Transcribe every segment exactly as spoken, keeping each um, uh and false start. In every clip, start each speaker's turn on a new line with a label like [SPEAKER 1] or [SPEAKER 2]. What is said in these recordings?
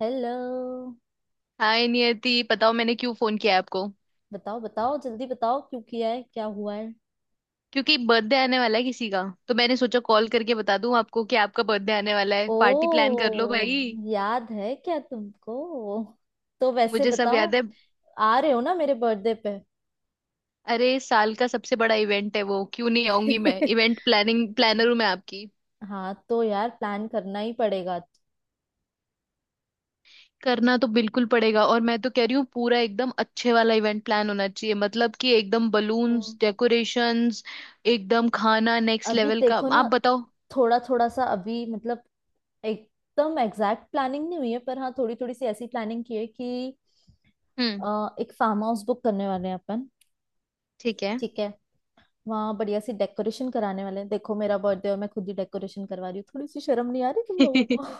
[SPEAKER 1] Hello.
[SPEAKER 2] Hi Niyati, बताओ मैंने क्यों फोन किया है आपको।
[SPEAKER 1] बताओ बताओ जल्दी बताओ क्यों किया है क्या हुआ है।
[SPEAKER 2] क्योंकि बर्थडे आने वाला है किसी का। तो मैंने सोचा कॉल करके बता दूं आपको कि आपका बर्थडे आने वाला है, पार्टी प्लान कर लो
[SPEAKER 1] ओ
[SPEAKER 2] भाई।
[SPEAKER 1] याद है क्या तुमको। तो वैसे
[SPEAKER 2] मुझे सब
[SPEAKER 1] बताओ
[SPEAKER 2] याद है।
[SPEAKER 1] आ रहे हो ना मेरे बर्थडे पे?
[SPEAKER 2] अरे, साल का सबसे बड़ा इवेंट है वो, क्यों नहीं आऊंगी मैं। इवेंट प्लानिंग प्लानर हूं मैं आपकी।
[SPEAKER 1] हाँ तो यार प्लान करना ही पड़ेगा।
[SPEAKER 2] करना तो बिल्कुल पड़ेगा, और मैं तो कह रही हूँ पूरा एकदम अच्छे वाला इवेंट प्लान होना चाहिए, मतलब कि एकदम
[SPEAKER 1] हम्म।
[SPEAKER 2] बलून्स, डेकोरेशंस, एकदम खाना नेक्स्ट
[SPEAKER 1] अभी
[SPEAKER 2] लेवल का।
[SPEAKER 1] देखो ना।
[SPEAKER 2] आप बताओ।
[SPEAKER 1] थोड़ा थोड़ा सा अभी मतलब एकदम एग्जैक्ट प्लानिंग नहीं हुई है, पर हाँ थोड़ी थोड़ी सी ऐसी प्लानिंग की है कि
[SPEAKER 2] हम्म।
[SPEAKER 1] अ, एक फार्म हाउस बुक करने वाले हैं अपन।
[SPEAKER 2] ठीक है।
[SPEAKER 1] ठीक है। वहाँ बढ़िया सी डेकोरेशन कराने वाले हैं। देखो, मेरा बर्थडे और मैं खुद ही डेकोरेशन करवा रही हूँ, थोड़ी सी शर्म नहीं आ रही तुम लोगों को।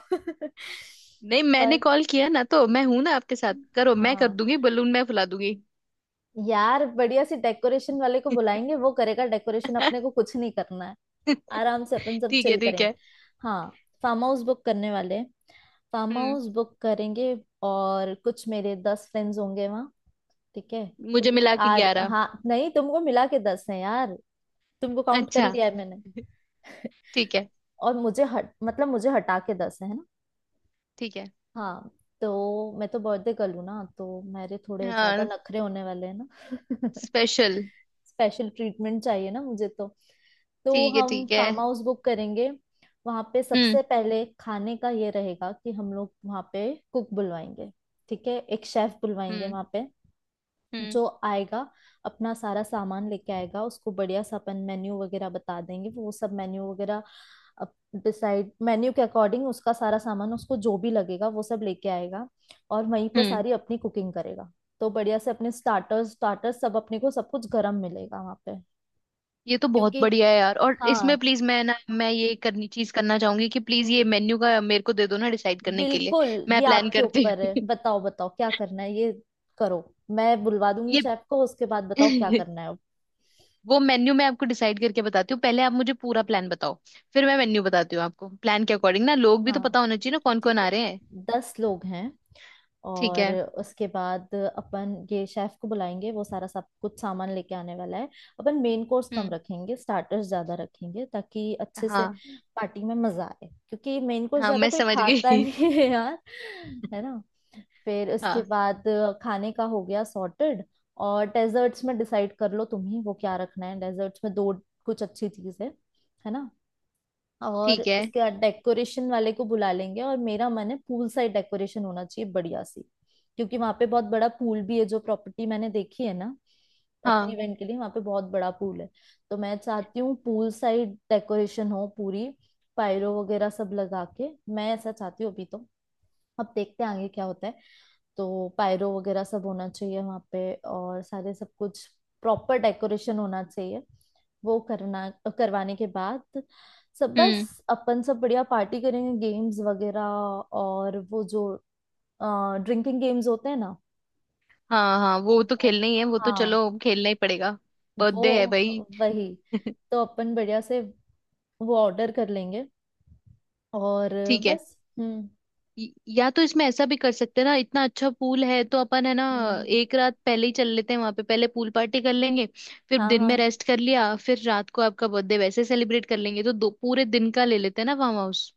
[SPEAKER 2] नहीं, मैंने
[SPEAKER 1] पर
[SPEAKER 2] कॉल किया ना, तो मैं हूं ना आपके साथ, करो मैं कर
[SPEAKER 1] हाँ
[SPEAKER 2] दूंगी, बलून मैं फुला दूंगी।
[SPEAKER 1] यार, बढ़िया सी डेकोरेशन वाले को बुलाएंगे, वो करेगा डेकोरेशन, अपने को कुछ नहीं करना है। आराम से अपन सब
[SPEAKER 2] ठीक है,
[SPEAKER 1] चिल
[SPEAKER 2] ठीक
[SPEAKER 1] करेंगे।
[SPEAKER 2] है।
[SPEAKER 1] हाँ। फार्म हाउस बुक करने वाले, फार्म
[SPEAKER 2] हम्म।
[SPEAKER 1] हाउस बुक करेंगे। और कुछ मेरे दस फ्रेंड्स होंगे। ठीक है। तो
[SPEAKER 2] मुझे
[SPEAKER 1] भी
[SPEAKER 2] मिला के
[SPEAKER 1] आर
[SPEAKER 2] ग्यारह।
[SPEAKER 1] हाँ नहीं, तुमको मिला के दस है यार। तुमको काउंट कर
[SPEAKER 2] अच्छा।
[SPEAKER 1] लिया है मैंने।
[SPEAKER 2] ठीक है,
[SPEAKER 1] और मुझे हट मतलब मुझे हटा के दस है ना।
[SPEAKER 2] ठीक है।
[SPEAKER 1] हाँ। तो मैं तो बर्थडे गर्ल हूँ ना, तो मेरे थोड़े ज्यादा
[SPEAKER 2] हाँ।
[SPEAKER 1] नखरे होने वाले हैं ना।
[SPEAKER 2] स्पेशल।
[SPEAKER 1] स्पेशल ट्रीटमेंट चाहिए ना मुझे तो। तो
[SPEAKER 2] ठीक है,
[SPEAKER 1] हम
[SPEAKER 2] ठीक है।
[SPEAKER 1] फार्म हाउस बुक करेंगे। वहां पे
[SPEAKER 2] हम्म।
[SPEAKER 1] सबसे पहले खाने का ये रहेगा कि हम लोग वहां पे कुक बुलवाएंगे। ठीक है, एक शेफ बुलवाएंगे
[SPEAKER 2] हम्म।
[SPEAKER 1] वहां पे।
[SPEAKER 2] हम्म।
[SPEAKER 1] जो आएगा अपना सारा सामान लेके आएगा। उसको बढ़िया सा अपन मेन्यू वगैरह बता देंगे, वो सब मेन्यू वगैरह डिसाइड, मेन्यू के अकॉर्डिंग उसका सारा सामान, उसको जो भी लगेगा वो सब लेके आएगा, और वहीं पे
[SPEAKER 2] हम्म।
[SPEAKER 1] सारी अपनी कुकिंग करेगा। तो बढ़िया से अपने स्टार्टर्स स्टार्टर्स, सब अपने को सब कुछ गरम मिलेगा वहाँ पे।
[SPEAKER 2] ये तो बहुत
[SPEAKER 1] क्योंकि
[SPEAKER 2] बढ़िया है यार, और इसमें
[SPEAKER 1] हाँ,
[SPEAKER 2] प्लीज मैं ना मैं ये करनी चीज करना चाहूंगी कि प्लीज
[SPEAKER 1] हम्म,
[SPEAKER 2] ये मेन्यू का मेरे को दे दो ना डिसाइड करने के लिए।
[SPEAKER 1] बिल्कुल।
[SPEAKER 2] मैं
[SPEAKER 1] ये
[SPEAKER 2] प्लान
[SPEAKER 1] आपके
[SPEAKER 2] करती
[SPEAKER 1] ऊपर है,
[SPEAKER 2] हूँ।
[SPEAKER 1] बताओ बताओ क्या करना है ये, करो। मैं बुलवा दूंगी
[SPEAKER 2] ये।
[SPEAKER 1] शेफ को, उसके बाद बताओ क्या करना है।
[SPEAKER 2] वो मेन्यू मैं आपको डिसाइड करके बताती हूँ, पहले आप मुझे पूरा प्लान बताओ। फिर मैं मेन्यू बताती हूँ आपको प्लान के अकॉर्डिंग। ना लोग भी तो
[SPEAKER 1] हाँ,
[SPEAKER 2] पता होना चाहिए ना कौन कौन
[SPEAKER 1] ठीक है।
[SPEAKER 2] आ रहे हैं।
[SPEAKER 1] दस लोग हैं।
[SPEAKER 2] ठीक
[SPEAKER 1] और
[SPEAKER 2] है।
[SPEAKER 1] उसके बाद अपन ये शेफ को बुलाएंगे, वो सारा सब कुछ सामान लेके आने वाला है। अपन मेन कोर्स कम
[SPEAKER 2] हम्म।
[SPEAKER 1] रखेंगे, स्टार्टर्स ज्यादा रखेंगे, ताकि अच्छे से
[SPEAKER 2] हाँ।
[SPEAKER 1] पार्टी में मजा आए, क्योंकि मेन कोर्स
[SPEAKER 2] हाँ,
[SPEAKER 1] ज्यादा
[SPEAKER 2] मैं
[SPEAKER 1] कोई
[SPEAKER 2] समझ
[SPEAKER 1] खाता
[SPEAKER 2] गई।
[SPEAKER 1] नहीं है यार, है ना। फिर उसके
[SPEAKER 2] हाँ।
[SPEAKER 1] बाद खाने का हो गया सॉर्टेड। और डेजर्ट्स में डिसाइड कर लो तुम ही, वो क्या रखना है डेजर्ट्स में, दो कुछ अच्छी चीज है है ना। और
[SPEAKER 2] ठीक है।
[SPEAKER 1] उसके बाद डेकोरेशन वाले को बुला लेंगे, और मेरा मन है पूल साइड डेकोरेशन होना चाहिए बढ़िया सी, क्योंकि वहां पे बहुत बड़ा पूल भी है, जो प्रॉपर्टी मैंने देखी है ना अपने
[SPEAKER 2] हाँ।
[SPEAKER 1] इवेंट के लिए, वहां पे बहुत बड़ा पूल है। तो मैं चाहती हूँ पूल साइड डेकोरेशन हो पूरी, पायरो वगैरह सब लगा के। मैं ऐसा चाहती हूँ अभी तो। अब देखते हैं आगे क्या होता है। तो पायरो वगैरह सब होना चाहिए वहाँ पे, और सारे सब कुछ प्रॉपर डेकोरेशन होना चाहिए। वो करना, करवाने के बाद, सब बस
[SPEAKER 2] हम्म।
[SPEAKER 1] अपन सब बढ़िया पार्टी करेंगे, गेम्स वगैरह। और वो जो ड्रिंकिंग गेम्स होते हैं ना,
[SPEAKER 2] हाँ हाँ, वो तो
[SPEAKER 1] वो।
[SPEAKER 2] खेलना ही है, वो तो
[SPEAKER 1] हाँ,
[SPEAKER 2] चलो खेलना ही पड़ेगा।
[SPEAKER 1] वो
[SPEAKER 2] बर्थडे है भाई।
[SPEAKER 1] वही। तो अपन बढ़िया से वो ऑर्डर कर लेंगे। और
[SPEAKER 2] ठीक है।
[SPEAKER 1] बस। हम्म
[SPEAKER 2] य- या तो इसमें ऐसा भी कर सकते हैं ना, इतना अच्छा पूल है तो अपन, है ना,
[SPEAKER 1] हम्म।
[SPEAKER 2] एक रात पहले ही चल लेते हैं वहां पे, पहले पूल पार्टी कर लेंगे। फिर
[SPEAKER 1] हाँ
[SPEAKER 2] दिन में
[SPEAKER 1] हाँ
[SPEAKER 2] रेस्ट कर लिया, फिर रात को आपका बर्थडे वैसे सेलिब्रेट कर लेंगे। तो दो पूरे दिन का ले लेते हैं ना फार्म हाउस।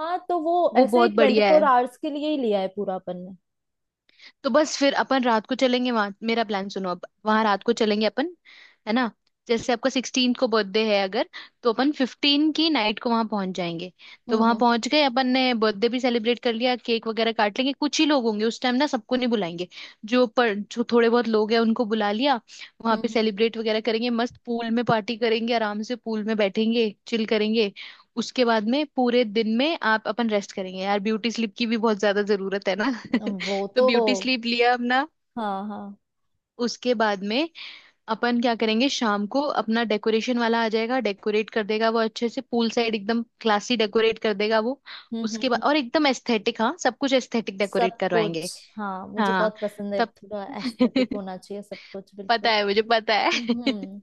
[SPEAKER 1] हाँ, तो वो
[SPEAKER 2] वो
[SPEAKER 1] ऐसे ही
[SPEAKER 2] बहुत
[SPEAKER 1] ट्वेंटी
[SPEAKER 2] बढ़िया
[SPEAKER 1] फोर
[SPEAKER 2] है।
[SPEAKER 1] आवर्स के लिए ही लिया है पूरा अपन ने।
[SPEAKER 2] तो बस फिर अपन रात को चलेंगे वहां, मेरा प्लान सुनो, अब वहां रात को चलेंगे अपन, है ना। जैसे आपका सिक्सटीन को बर्थडे है अगर, तो अपन फिफ्टीन की नाइट को वहां पहुंच जाएंगे। तो
[SPEAKER 1] हम्म
[SPEAKER 2] वहां
[SPEAKER 1] हम्म
[SPEAKER 2] पहुंच गए अपन ने, बर्थडे भी सेलिब्रेट कर लिया, केक वगैरह काट लेंगे। कुछ ही लोग होंगे उस टाइम ना, सबको नहीं बुलाएंगे। जो पर जो थोड़े बहुत लोग हैं उनको बुला लिया, वहां
[SPEAKER 1] हम्म
[SPEAKER 2] पे
[SPEAKER 1] हम्म।
[SPEAKER 2] सेलिब्रेट वगैरह करेंगे, मस्त पूल में पार्टी करेंगे, आराम से पूल में बैठेंगे, चिल करेंगे। उसके बाद में पूरे दिन में आप अपन रेस्ट करेंगे, यार ब्यूटी स्लिप की भी बहुत ज्यादा जरूरत है ना।
[SPEAKER 1] वो
[SPEAKER 2] तो
[SPEAKER 1] तो
[SPEAKER 2] ब्यूटी स्लीप लिया अपना।
[SPEAKER 1] हाँ हाँ।
[SPEAKER 2] उसके बाद में अपन क्या करेंगे शाम को, अपना डेकोरेशन वाला आ जाएगा, डेकोरेट कर देगा वो अच्छे से, पूल साइड एकदम क्लासी डेकोरेट कर देगा वो।
[SPEAKER 1] हम्म हम्म
[SPEAKER 2] उसके बाद,
[SPEAKER 1] हम्म।
[SPEAKER 2] और एकदम एस्थेटिक, हाँ सब कुछ एस्थेटिक डेकोरेट
[SPEAKER 1] सब
[SPEAKER 2] करवाएंगे।
[SPEAKER 1] कुछ, हाँ, मुझे
[SPEAKER 2] हाँ।
[SPEAKER 1] बहुत पसंद है,
[SPEAKER 2] तब।
[SPEAKER 1] थोड़ा एस्थेटिक होना चाहिए सब कुछ,
[SPEAKER 2] पता
[SPEAKER 1] बिल्कुल।
[SPEAKER 2] है, मुझे पता है।
[SPEAKER 1] हम्म हम्म।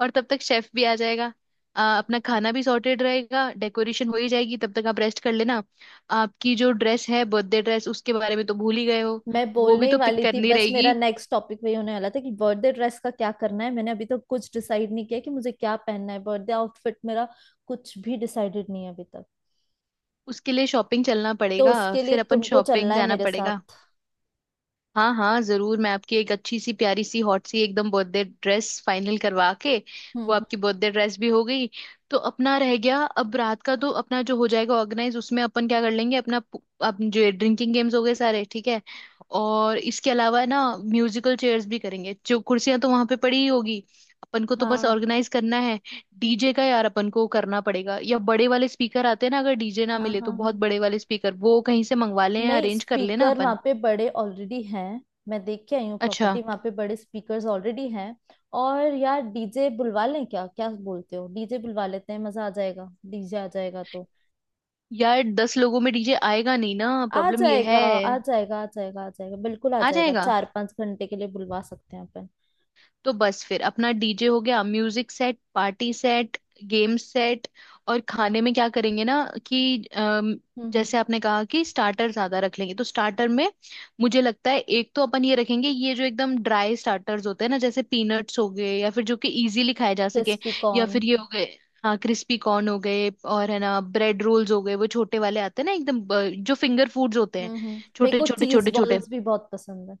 [SPEAKER 2] और तब तक शेफ भी आ जाएगा। आ, अपना खाना भी सॉर्टेड रहेगा, डेकोरेशन हो ही जाएगी तब तक, आप रेस्ट कर लेना। आपकी जो ड्रेस है, बर्थडे ड्रेस, उसके बारे में तो भूल ही गए हो।
[SPEAKER 1] मैं
[SPEAKER 2] वो
[SPEAKER 1] बोलने
[SPEAKER 2] भी
[SPEAKER 1] ही
[SPEAKER 2] तो पिक
[SPEAKER 1] वाली थी,
[SPEAKER 2] करनी
[SPEAKER 1] बस मेरा
[SPEAKER 2] रहेगी।
[SPEAKER 1] नेक्स्ट टॉपिक वही होने वाला था कि बर्थडे ड्रेस का क्या करना है। मैंने अभी तक कुछ डिसाइड नहीं किया कि मुझे क्या पहनना है, बर्थडे आउटफिट मेरा कुछ भी डिसाइडेड नहीं है अभी तक।
[SPEAKER 2] उसके लिए शॉपिंग चलना
[SPEAKER 1] तो
[SPEAKER 2] पड़ेगा।
[SPEAKER 1] उसके लिए
[SPEAKER 2] फिर अपन
[SPEAKER 1] तुमको
[SPEAKER 2] शॉपिंग
[SPEAKER 1] चलना है
[SPEAKER 2] जाना
[SPEAKER 1] मेरे साथ।
[SPEAKER 2] पड़ेगा। हाँ हाँ जरूर, मैं आपकी एक अच्छी सी प्यारी सी हॉट सी एकदम बर्थडे ड्रेस फाइनल करवा के,
[SPEAKER 1] हम्म
[SPEAKER 2] वो
[SPEAKER 1] हम्म,
[SPEAKER 2] आपकी बर्थडे ड्रेस भी हो गई। तो अपना रह गया अब रात का, तो अपना जो हो जाएगा ऑर्गेनाइज, उसमें अपन क्या कर लेंगे, अपना पु- अपन जो ड्रिंकिंग गेम्स हो गए सारे, ठीक है। और इसके अलावा ना, म्यूजिकल चेयर्स भी करेंगे, जो कुर्सियां तो वहां पे पड़ी ही होगी, अपन को तो बस
[SPEAKER 1] हाँ
[SPEAKER 2] ऑर्गेनाइज करना है। डीजे का यार अपन को करना पड़ेगा, या बड़े वाले स्पीकर आते हैं ना, अगर डीजे ना
[SPEAKER 1] हाँ
[SPEAKER 2] मिले तो
[SPEAKER 1] हाँ।
[SPEAKER 2] बहुत
[SPEAKER 1] हाँ,
[SPEAKER 2] बड़े वाले स्पीकर वो कहीं से मंगवा लें या
[SPEAKER 1] नहीं,
[SPEAKER 2] अरेंज कर लेना
[SPEAKER 1] स्पीकर
[SPEAKER 2] अपन।
[SPEAKER 1] वहाँ पे बड़े ऑलरेडी हैं। मैं देख के आई हूँ
[SPEAKER 2] अच्छा।
[SPEAKER 1] प्रॉपर्टी, वहाँ पे बड़े स्पीकर्स ऑलरेडी हैं। और यार डीजे बुलवा लें क्या, क्या बोलते हो? डीजे बुलवा लेते हैं, मजा आ जाएगा डीजे आ जाएगा तो।
[SPEAKER 2] यार, दस लोगों में डीजे आएगा नहीं ना,
[SPEAKER 1] आ
[SPEAKER 2] प्रॉब्लम ये
[SPEAKER 1] जाएगा
[SPEAKER 2] है।
[SPEAKER 1] आ जाएगा आ जाएगा आ जाएगा, बिल्कुल आ
[SPEAKER 2] आ
[SPEAKER 1] जाएगा,
[SPEAKER 2] जाएगा।
[SPEAKER 1] चार पांच घंटे के लिए बुलवा सकते हैं अपन।
[SPEAKER 2] तो बस फिर अपना डीजे हो गया, music set, party set, game set. और खाने में क्या करेंगे ना कि, अम,
[SPEAKER 1] हम्म हम्म।
[SPEAKER 2] जैसे आपने कहा कि स्टार्टर ज्यादा रख लेंगे, तो स्टार्टर में मुझे लगता है एक तो अपन ये रखेंगे, ये जो एकदम ड्राई स्टार्टर्स होते हैं ना, जैसे पीनट्स हो गए, या फिर जो कि इजीली खाए जा सके,
[SPEAKER 1] क्रिस्पी
[SPEAKER 2] या
[SPEAKER 1] कॉर्न।
[SPEAKER 2] फिर ये हो गए, हाँ क्रिस्पी कॉर्न हो गए, और है ना ब्रेड रोल्स हो गए, वो छोटे वाले आते हैं ना एकदम, अ, जो फिंगर फूड्स होते हैं,
[SPEAKER 1] हम्म हम्म, मेरे
[SPEAKER 2] छोटे
[SPEAKER 1] को
[SPEAKER 2] छोटे
[SPEAKER 1] चीज
[SPEAKER 2] छोटे छोटे।
[SPEAKER 1] बॉल्स भी बहुत पसंद है।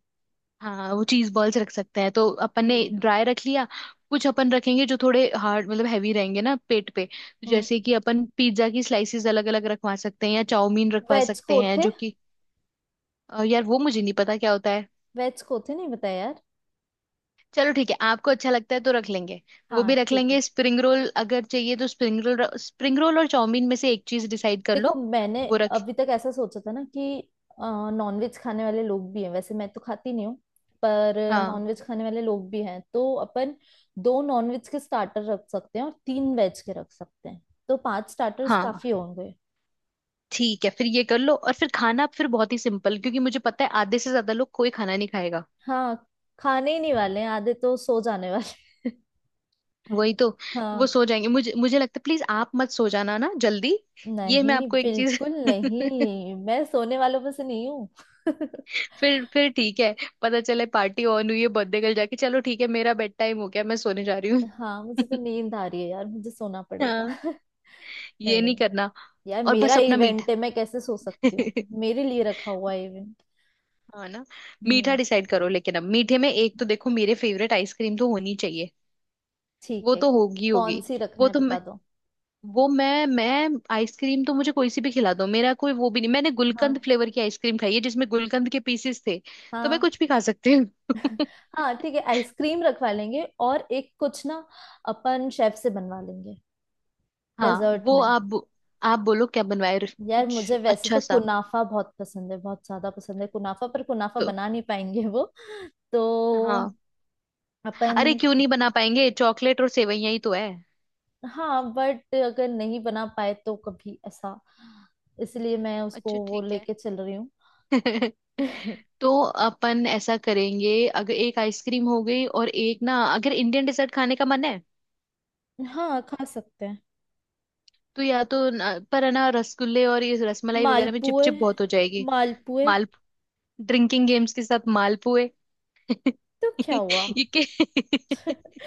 [SPEAKER 2] हाँ, वो चीज बॉल्स रख सकते हैं, तो अपन ने
[SPEAKER 1] हम्म
[SPEAKER 2] ड्राई रख लिया। कुछ अपन रखेंगे जो थोड़े हार्ड, मतलब हैवी रहेंगे ना पेट पे,
[SPEAKER 1] हम्म।
[SPEAKER 2] जैसे कि अपन पिज्जा की स्लाइसेस अलग अलग रखवा सकते हैं, या चाउमीन रखवा
[SPEAKER 1] वेज
[SPEAKER 2] सकते हैं
[SPEAKER 1] कोथे।
[SPEAKER 2] जो कि, अ, यार वो मुझे नहीं पता क्या होता है।
[SPEAKER 1] वेज कोथे नहीं बताया यार?
[SPEAKER 2] चलो ठीक है, आपको अच्छा लगता है तो रख लेंगे। वो
[SPEAKER 1] हाँ
[SPEAKER 2] भी रख
[SPEAKER 1] ठीक है।
[SPEAKER 2] लेंगे, स्प्रिंग रोल अगर चाहिए तो स्प्रिंग रोल, स्प्रिंग रोल और चाउमीन में से एक चीज डिसाइड कर
[SPEAKER 1] देखो,
[SPEAKER 2] लो।
[SPEAKER 1] मैंने
[SPEAKER 2] वो रख।
[SPEAKER 1] अभी तक ऐसा सोचा था ना कि नॉनवेज खाने वाले लोग भी हैं, वैसे मैं तो खाती नहीं हूँ, पर
[SPEAKER 2] हाँ
[SPEAKER 1] नॉनवेज खाने वाले लोग भी हैं, तो अपन दो नॉनवेज के स्टार्टर रख सकते हैं और तीन वेज के रख सकते हैं, तो पांच स्टार्टर्स
[SPEAKER 2] हाँ।
[SPEAKER 1] काफी होंगे।
[SPEAKER 2] ठीक है, फिर ये कर लो, और फिर खाना फिर बहुत ही सिंपल, क्योंकि मुझे पता है आधे से ज्यादा लोग कोई खाना नहीं खाएगा।
[SPEAKER 1] हाँ, खाने ही नहीं वाले हैं, आधे तो सो जाने वाले हैं।
[SPEAKER 2] वही तो। वो
[SPEAKER 1] हाँ।
[SPEAKER 2] सो जाएंगे, मुझे मुझे लगता है, प्लीज आप मत सो जाना ना जल्दी। ये मैं
[SPEAKER 1] नहीं,
[SPEAKER 2] आपको एक चीज।
[SPEAKER 1] बिल्कुल नहीं, मैं सोने वालों में से नहीं हूँ।
[SPEAKER 2] फिर फिर ठीक है। पता चले पार्टी ऑन हुई है, बर्थडे कल जाके, चलो ठीक है मेरा बेड टाइम हो गया मैं सोने जा रही हूँ।
[SPEAKER 1] हाँ मुझे तो नींद आ रही है यार, मुझे सोना पड़ेगा।
[SPEAKER 2] हाँ।
[SPEAKER 1] नहीं
[SPEAKER 2] ये नहीं
[SPEAKER 1] नहीं,
[SPEAKER 2] करना।
[SPEAKER 1] यार
[SPEAKER 2] और
[SPEAKER 1] मेरा
[SPEAKER 2] बस अपना मीठा।
[SPEAKER 1] इवेंट है, मैं कैसे सो सकती हूँ। मेरे लिए रखा हुआ है इवेंट।
[SPEAKER 2] हाँ ना। मीठा
[SPEAKER 1] हम्म।
[SPEAKER 2] डिसाइड करो, लेकिन अब मीठे में एक तो देखो मेरे फेवरेट आइसक्रीम तो होनी चाहिए।
[SPEAKER 1] ठीक
[SPEAKER 2] वो
[SPEAKER 1] है,
[SPEAKER 2] तो होगी,
[SPEAKER 1] कौन
[SPEAKER 2] होगी।
[SPEAKER 1] सी रखना
[SPEAKER 2] वो
[SPEAKER 1] है
[SPEAKER 2] तो,
[SPEAKER 1] बता दो।
[SPEAKER 2] वो मैं मैं आइसक्रीम तो मुझे कोई सी भी खिला दो, मेरा कोई वो भी नहीं, मैंने गुलकंद
[SPEAKER 1] हाँ
[SPEAKER 2] फ्लेवर की आइसक्रीम खाई है जिसमें गुलकंद के पीसेस थे। तो मैं
[SPEAKER 1] हाँ।
[SPEAKER 2] कुछ भी खा सकती हूँ।
[SPEAKER 1] हाँ ठीक है, आइसक्रीम रखवा लेंगे, और एक कुछ ना, अपन शेफ से बनवा लेंगे
[SPEAKER 2] हाँ।
[SPEAKER 1] डेजर्ट
[SPEAKER 2] वो
[SPEAKER 1] में।
[SPEAKER 2] आप आप बोलो क्या बनवाए।
[SPEAKER 1] यार
[SPEAKER 2] कुछ
[SPEAKER 1] मुझे वैसे
[SPEAKER 2] अच्छा
[SPEAKER 1] तो
[SPEAKER 2] सा।
[SPEAKER 1] कुनाफा बहुत पसंद है, बहुत ज्यादा पसंद है कुनाफा, पर कुनाफा
[SPEAKER 2] तो
[SPEAKER 1] बना नहीं पाएंगे वो तो।
[SPEAKER 2] हाँ, अरे
[SPEAKER 1] अपन।
[SPEAKER 2] क्यों नहीं बना पाएंगे, चॉकलेट और सेवैया ही तो है।
[SPEAKER 1] हाँ, बट अगर नहीं बना पाए तो कभी ऐसा, इसलिए मैं उसको
[SPEAKER 2] अच्छा
[SPEAKER 1] वो
[SPEAKER 2] ठीक है।
[SPEAKER 1] लेके चल रही हूँ।
[SPEAKER 2] तो अपन ऐसा करेंगे, अगर एक आइसक्रीम हो गई और एक ना, अगर इंडियन डेजर्ट खाने का मन है,
[SPEAKER 1] हाँ खा सकते हैं।
[SPEAKER 2] तो या तो न-, पर है ना, रसगुल्ले और ये रसमलाई वगैरह में
[SPEAKER 1] मालपुए।
[SPEAKER 2] चिपचिप बहुत हो जाएगी।
[SPEAKER 1] मालपुए।
[SPEAKER 2] ड्रिंकिंग गेम्स के साथ मालपुए?
[SPEAKER 1] तो क्या
[SPEAKER 2] ये
[SPEAKER 1] हुआ?
[SPEAKER 2] के-।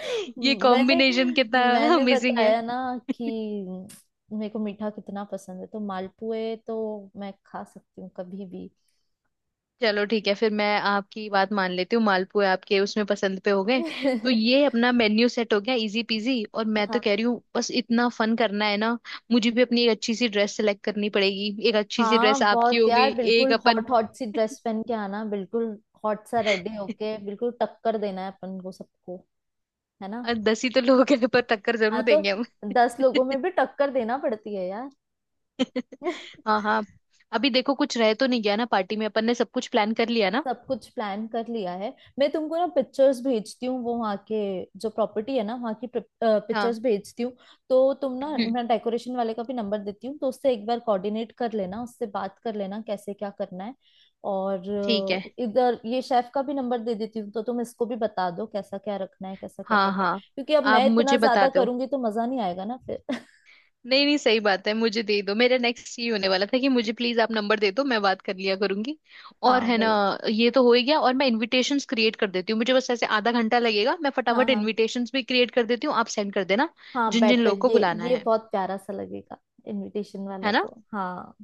[SPEAKER 2] ये
[SPEAKER 1] मैंने
[SPEAKER 2] कॉम्बिनेशन कितना
[SPEAKER 1] मैंने
[SPEAKER 2] अमेजिंग है।
[SPEAKER 1] बताया ना कि मेरे को मीठा कितना पसंद है, तो मालपुए तो मैं खा सकती हूँ कभी भी।
[SPEAKER 2] चलो ठीक है, फिर मैं आपकी बात मान लेती हूँ, मालपुए आपके उसमें पसंद पे हो गए। तो ये अपना मेन्यू सेट हो गया, इजी पीजी, और मैं तो
[SPEAKER 1] हाँ।
[SPEAKER 2] कह रही हूँ बस इतना फन करना है ना। मुझे भी अपनी एक अच्छी सी ड्रेस सेलेक्ट करनी पड़ेगी, एक अच्छी सी ड्रेस
[SPEAKER 1] हाँ
[SPEAKER 2] आपकी
[SPEAKER 1] बहुत
[SPEAKER 2] हो गई,
[SPEAKER 1] यार,
[SPEAKER 2] एक
[SPEAKER 1] बिल्कुल
[SPEAKER 2] अपन।
[SPEAKER 1] हॉट हॉट सी ड्रेस पहन के आना, बिल्कुल हॉट सा रेडी होके, बिल्कुल टक्कर देना है अपन को सबको, है ना।
[SPEAKER 2] और दस ही तो लोग हैं पर टक्कर
[SPEAKER 1] हाँ।
[SPEAKER 2] जरूर
[SPEAKER 1] तो
[SPEAKER 2] देंगे हम।
[SPEAKER 1] दस लोगों में भी टक्कर देना पड़ती है यार।
[SPEAKER 2] हाँ हाँ। अभी देखो कुछ रह तो नहीं गया ना पार्टी में, अपन ने सब कुछ प्लान कर लिया ना।
[SPEAKER 1] सब कुछ प्लान कर लिया है। मैं तुमको ना पिक्चर्स भेजती हूँ वो वहाँ के, जो प्रॉपर्टी है ना वहाँ की
[SPEAKER 2] हाँ।
[SPEAKER 1] पिक्चर्स भेजती हूँ। तो तुम ना,
[SPEAKER 2] हम्म।
[SPEAKER 1] मैं डेकोरेशन वाले का भी नंबर देती हूँ, तो उससे एक बार कोऑर्डिनेट कर लेना, उससे बात कर लेना कैसे क्या करना है। और
[SPEAKER 2] ठीक है।
[SPEAKER 1] अ, इधर ये शेफ का भी नंबर दे देती हूँ, तो तुम इसको भी बता दो कैसा क्या रखना है, कैसा क्या
[SPEAKER 2] हाँ
[SPEAKER 1] करना है,
[SPEAKER 2] हाँ।
[SPEAKER 1] क्योंकि अब
[SPEAKER 2] आप
[SPEAKER 1] मैं इतना
[SPEAKER 2] मुझे बता
[SPEAKER 1] ज्यादा
[SPEAKER 2] दो।
[SPEAKER 1] करूंगी तो मजा नहीं आएगा ना फिर।
[SPEAKER 2] नहीं नहीं, सही बात है, मुझे दे दो, मेरा नेक्स्ट ये होने वाला था कि मुझे प्लीज आप नंबर दे दो, मैं बात कर लिया करूंगी। और
[SPEAKER 1] हाँ
[SPEAKER 2] है ना,
[SPEAKER 1] वही।
[SPEAKER 2] ये तो हो ही गया। और मैं इनविटेशंस क्रिएट कर देती हूँ, मुझे बस ऐसे आधा घंटा लगेगा, मैं
[SPEAKER 1] हाँ
[SPEAKER 2] फटाफट
[SPEAKER 1] हाँ,
[SPEAKER 2] इनविटेशंस भी क्रिएट कर देती हूँ, आप सेंड कर देना
[SPEAKER 1] हाँ
[SPEAKER 2] जिन जिन
[SPEAKER 1] बेटर
[SPEAKER 2] लोगों को
[SPEAKER 1] ये
[SPEAKER 2] बुलाना
[SPEAKER 1] ये
[SPEAKER 2] है।
[SPEAKER 1] बहुत प्यारा सा लगेगा इनविटेशन वाला
[SPEAKER 2] है ना।
[SPEAKER 1] तो, हाँ।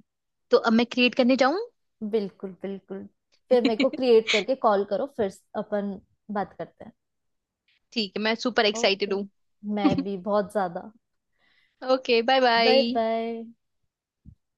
[SPEAKER 2] तो अब मैं क्रिएट करने जाऊं।
[SPEAKER 1] बिल्कुल बिल्कुल। फिर मेरे को
[SPEAKER 2] ठीक
[SPEAKER 1] क्रिएट करके कॉल करो, फिर अपन बात करते हैं।
[SPEAKER 2] है, मैं सुपर एक्साइटेड
[SPEAKER 1] ओके।
[SPEAKER 2] हूँ।
[SPEAKER 1] मैं भी बहुत ज्यादा।
[SPEAKER 2] Okay, bye
[SPEAKER 1] bye
[SPEAKER 2] bye.
[SPEAKER 1] Bye.